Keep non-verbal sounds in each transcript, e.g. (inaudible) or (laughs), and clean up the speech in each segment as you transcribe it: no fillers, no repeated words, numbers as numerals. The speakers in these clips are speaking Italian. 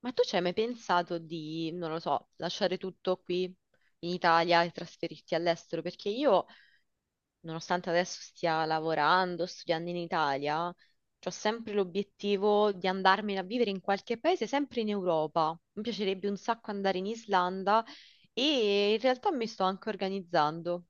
Ma tu ci hai mai pensato di, non lo so, lasciare tutto qui in Italia e trasferirti all'estero? Perché io, nonostante adesso stia lavorando, studiando in Italia, ho sempre l'obiettivo di andarmene a vivere in qualche paese, sempre in Europa. Mi piacerebbe un sacco andare in Islanda e in realtà mi sto anche organizzando.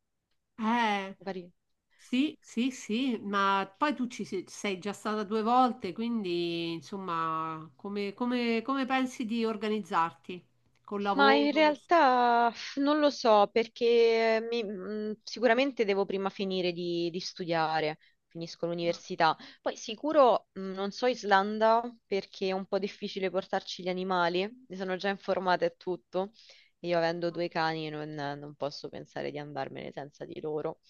Eh, Magari. sì, sì, sì, ma poi tu ci sei già stata due volte, quindi insomma, come pensi di organizzarti? Col Ma in lavoro? Realtà non lo so perché sicuramente devo prima finire di studiare, finisco l'università. Poi sicuro non so Islanda perché è un po' difficile portarci gli animali, mi sono già informata e tutto. E io avendo due cani non posso pensare di andarmene senza di loro.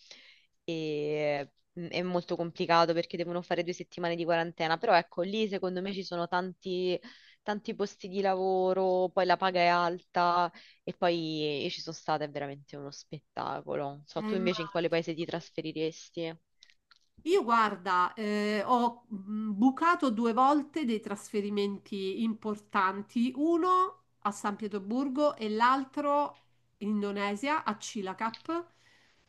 E, è molto complicato perché devono fare 2 settimane di quarantena, però ecco lì secondo me ci sono tanti tanti posti di lavoro, poi la paga è alta e poi io ci sono stata, è veramente uno spettacolo. Non so, tu Immagino. invece in quale paese ti trasferiresti? Io guarda, ho bucato due volte dei trasferimenti importanti, uno a San Pietroburgo e l'altro in Indonesia, a Cilacap,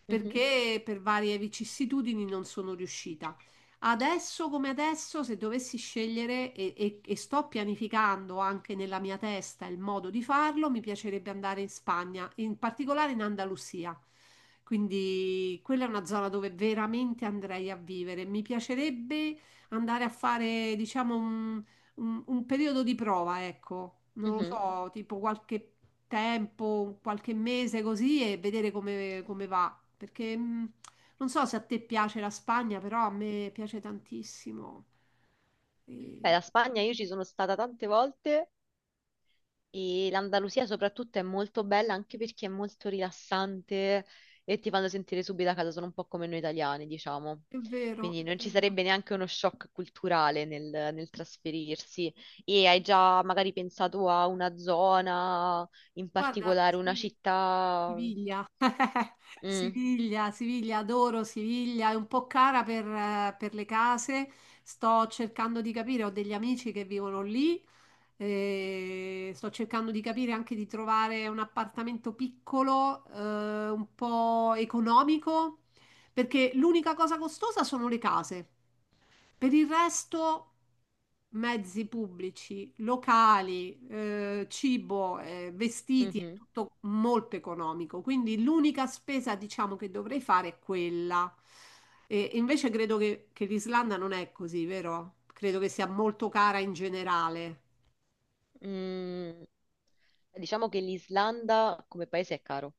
Mhm. perché per varie vicissitudini non sono riuscita. Adesso come adesso, se dovessi scegliere e sto pianificando anche nella mia testa il modo di farlo, mi piacerebbe andare in Spagna, in particolare in Andalusia. Quindi quella è una zona dove veramente andrei a vivere. Mi piacerebbe andare a fare, diciamo, un periodo di prova, ecco, non lo Mhm. so, tipo qualche tempo, qualche mese così e vedere come va. Perché non so se a te piace la Spagna, però a me piace tantissimo. Beh, E- la Spagna io ci sono stata tante volte. E l'Andalusia soprattutto è molto bella anche perché è molto rilassante e ti fanno sentire subito a casa, sono un po' come noi italiani, diciamo. È vero, è Quindi non ci vero. sarebbe neanche uno shock culturale nel, nel trasferirsi. E hai già magari pensato a una zona, in Guarda, particolare una sì, città. Siviglia. (laughs) Mm. Siviglia, Siviglia, adoro Siviglia. È un po' cara per le case. Sto cercando di capire, ho degli amici che vivono lì. E sto cercando di capire anche di trovare un appartamento piccolo, un po' economico, perché l'unica cosa costosa sono le case. Per il resto, mezzi pubblici, locali, cibo, vestiti, è Mhm. tutto molto economico. Quindi l'unica spesa, diciamo, che dovrei fare è quella. E invece credo che l'Islanda non è così, vero? Credo che sia molto cara in generale. Mm. Diciamo che l'Islanda come paese è caro.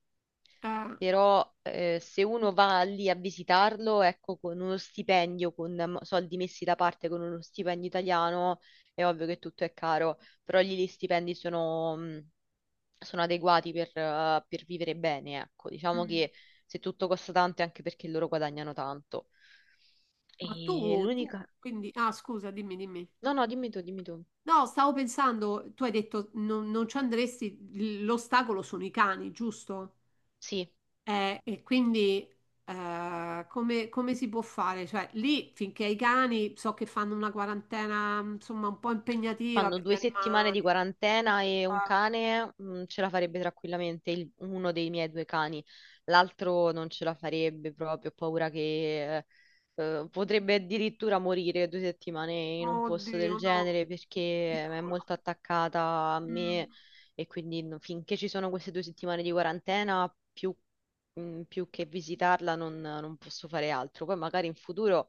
Eh, Però se uno va lì a visitarlo, ecco, con uno stipendio, con soldi messi da parte con uno stipendio italiano, è ovvio che tutto è caro, però lì gli stipendi sono adeguati per vivere bene, ecco, diciamo mm. che se tutto costa tanto è anche perché loro guadagnano tanto. Ma E tu, l'unica... quindi, ah, scusa, dimmi, dimmi. No, no, dimmi tu, dimmi tu. No, stavo pensando, tu hai detto non ci andresti, l'ostacolo sono i cani, giusto? Sì. E quindi come si può fare? Cioè, lì finché i cani so che fanno una quarantena, insomma, un po' impegnativa Fanno per gli 2 settimane di animali. quarantena e un Ah, cane, ce la farebbe tranquillamente, uno dei miei due cani. L'altro non ce la farebbe proprio, ho paura che potrebbe addirittura morire 2 settimane in un posto del oddio, no, genere perché è piccolo. molto attaccata a Mm, me e quindi finché ci sono queste 2 settimane di quarantena, più che visitarla non posso fare altro. Poi magari in futuro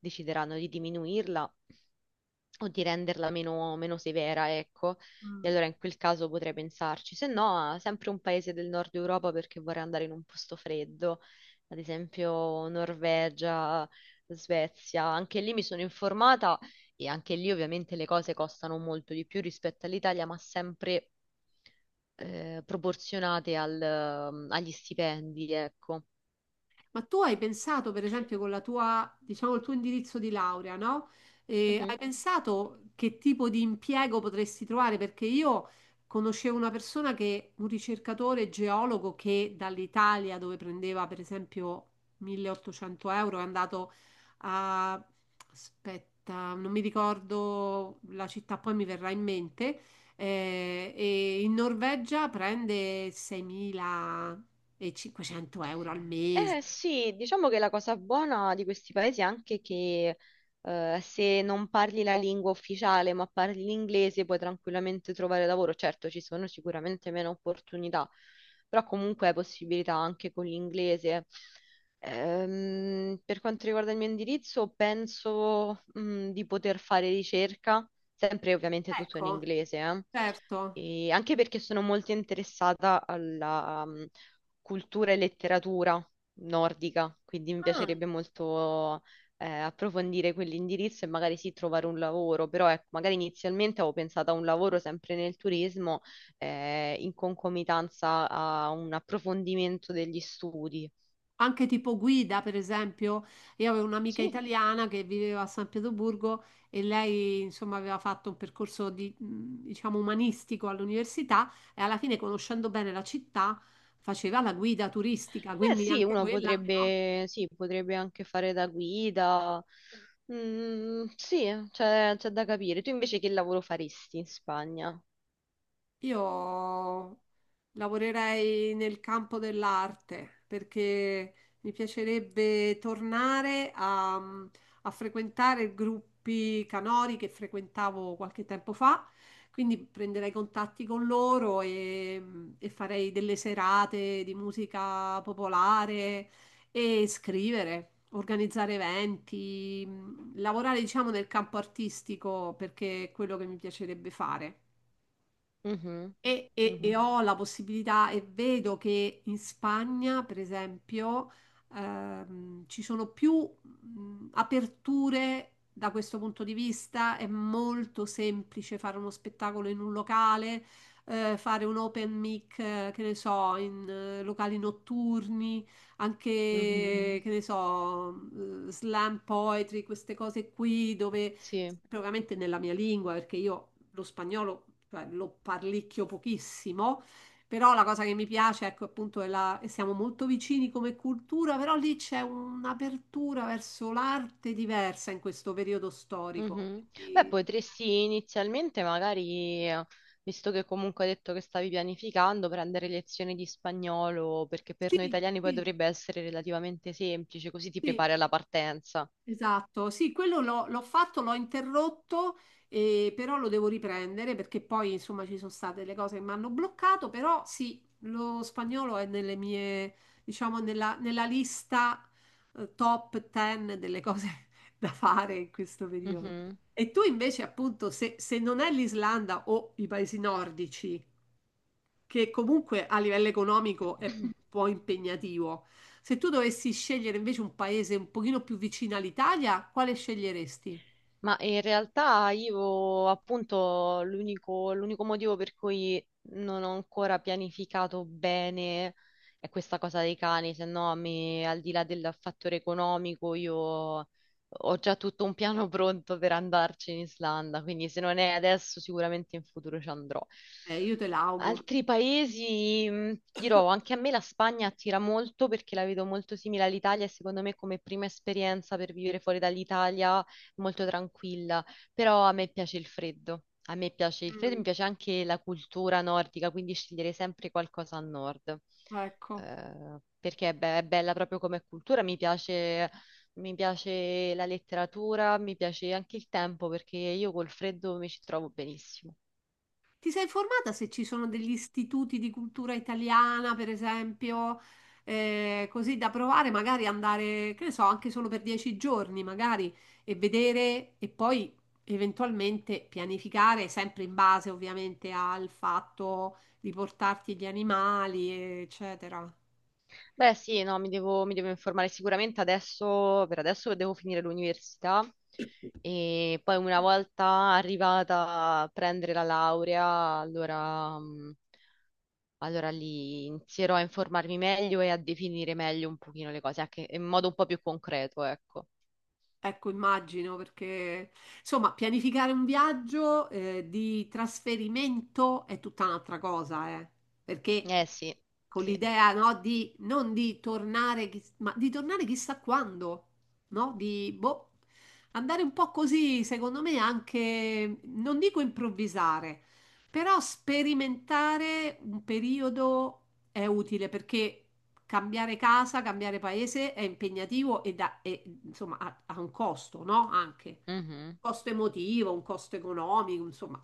decideranno di diminuirla o di renderla meno severa, ecco. E mm. allora in quel caso potrei pensarci, se no, sempre un paese del nord Europa perché vorrei andare in un posto freddo, ad esempio Norvegia, Svezia. Anche lì mi sono informata e anche lì ovviamente le cose costano molto di più rispetto all'Italia, ma sempre proporzionate agli stipendi, ecco. Ma tu hai pensato, per esempio, con la tua, diciamo, il tuo indirizzo di laurea, no? Hai Mhm. pensato che tipo di impiego potresti trovare? Perché io conoscevo una persona che, un ricercatore geologo che dall'Italia, dove prendeva per esempio 1800 euro, è andato a, aspetta, non mi ricordo la città, poi mi verrà in mente, e in Norvegia prende 6.500 euro al Eh mese. sì, diciamo che la cosa buona di questi paesi è anche che se non parli la lingua ufficiale ma parli l'inglese puoi tranquillamente trovare lavoro. Certo, ci sono sicuramente meno opportunità, però comunque hai possibilità anche con l'inglese. Per quanto riguarda il mio indirizzo, penso di poter fare ricerca, sempre ovviamente tutto in Ecco, inglese, eh. certo. E anche perché sono molto interessata alla cultura e letteratura nordica, quindi mi Ah, piacerebbe molto approfondire quell'indirizzo e magari sì trovare un lavoro, però ecco, magari inizialmente avevo pensato a un lavoro sempre nel turismo in concomitanza a un approfondimento degli studi. anche tipo guida, per esempio, io avevo un'amica Sì, italiana che viveva a San Pietroburgo e lei, insomma, aveva fatto un percorso di, diciamo, umanistico all'università e alla fine, conoscendo bene la città, faceva la guida turistica, eh quindi sì, anche uno quella, no? potrebbe, sì, potrebbe anche fare da guida. Mm, sì, c'è da capire. Tu invece che lavoro faresti in Spagna? Io lavorerei nel campo dell'arte perché mi piacerebbe tornare a frequentare i gruppi canori che frequentavo qualche tempo fa, quindi prenderei contatti con loro e farei delle serate di musica popolare e scrivere. Organizzare eventi, lavorare diciamo nel campo artistico perché è quello che mi piacerebbe fare. Mhm. E Mhm. ho la possibilità e vedo che in Spagna, per esempio, ci sono più aperture da questo punto di vista. È molto semplice fare uno spettacolo in un locale, fare un open mic, che ne so, in locali notturni, anche, Mhm. Mhm. Che ne so, slam poetry, queste cose qui dove Sì. propriamente nella mia lingua, perché io lo spagnolo, cioè, lo parlicchio pochissimo, però la cosa che mi piace, ecco, appunto, è la, e siamo molto vicini come cultura, però lì c'è un'apertura verso l'arte diversa in questo periodo storico. Mhm. Beh, Quindi, potresti inizialmente magari, visto che comunque hai detto che stavi pianificando, prendere lezioni di spagnolo, perché per noi sì, italiani poi sì, dovrebbe essere relativamente semplice, così ti sì. prepari alla partenza. Esatto, sì, quello l'ho fatto, l'ho interrotto, però lo devo riprendere perché poi insomma ci sono state le cose che mi hanno bloccato, però sì, lo spagnolo è nelle mie, diciamo, nella lista top 10 delle cose (laughs) da fare in questo periodo. Mhm. E tu invece appunto, se non è l'Islanda o i paesi nordici, che comunque a livello economico è un po' impegnativo. Se tu dovessi scegliere invece un paese un pochino più vicino all'Italia, quale sceglieresti? Ma in realtà io appunto l'unico motivo per cui non ho ancora pianificato bene è questa cosa dei cani, se no a me al di là del fattore economico io ho già tutto un piano (laughs) pronto per andarci in Islanda, quindi se non è adesso sicuramente in futuro ci andrò. Io te l'auguro. Altri paesi, dirò, anche a me la Spagna attira molto perché la vedo molto simile all'Italia e secondo me come prima esperienza per vivere fuori dall'Italia molto tranquilla, però a me piace il freddo. A me piace il freddo, Mm, mi piace anche la cultura nordica, quindi scegliere sempre qualcosa a nord. ecco. Perché è bella proprio come cultura, mi piace la letteratura, mi piace anche il tempo, perché io col freddo mi ci trovo benissimo. Ti sei informata se ci sono degli istituti di cultura italiana, per esempio, così da provare, magari andare, che ne so, anche solo per 10 giorni, magari, e vedere e poi eventualmente pianificare, sempre in base ovviamente al fatto di portarti gli animali, eccetera. Beh, sì, no, mi devo informare sicuramente adesso, per adesso devo finire l'università e poi una volta arrivata a prendere la laurea, allora, allora lì inizierò a informarmi meglio e a definire meglio un pochino le cose, anche in modo un po' più concreto, ecco. Ecco, immagino, perché insomma, pianificare un viaggio, di trasferimento è tutta un'altra cosa, perché Eh sì, con sì. l'idea, no, di non di tornare, ma di tornare chissà quando, no? Di boh, andare un po' così, secondo me, anche, non dico improvvisare, però sperimentare un periodo è utile perché cambiare casa, cambiare paese è impegnativo e, insomma ha un costo, no? Anche Mhm. costo emotivo, un costo economico, insomma,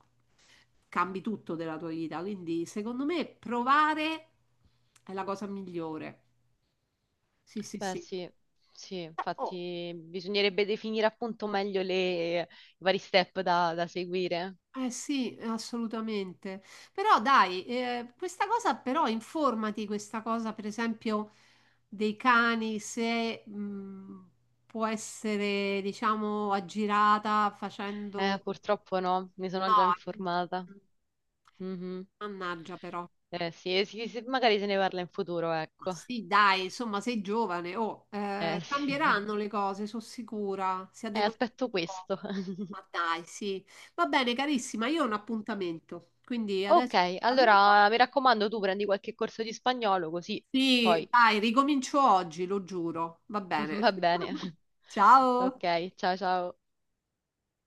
cambi tutto della tua vita. Quindi, secondo me, provare è la cosa migliore. Sì, sì, Beh sì. sì, sì, Oh, infatti bisognerebbe definire appunto meglio i vari step da seguire. eh sì, assolutamente. Però dai, questa cosa però informati, questa cosa per esempio dei cani, se può essere diciamo aggirata facendo. Purtroppo no, mi sono già No, informata. Mhm. mannaggia però. Sì, sì, sì, magari se ne parla in futuro, Ma ecco. sì, dai, insomma, sei giovane, oh, Eh sì. (laughs) cambieranno le cose, sono sicura, si adegueranno aspetto un po'. questo. (laughs) Ma dai, sì. Va bene, carissima, io ho un appuntamento, quindi adesso Ok, ti saluto. allora mi raccomando, tu prendi qualche corso di spagnolo così Sì, poi dai, ricomincio oggi, lo giuro. Va (laughs) bene. va bene. (laughs) (laughs) Ciao. Ok, ciao ciao.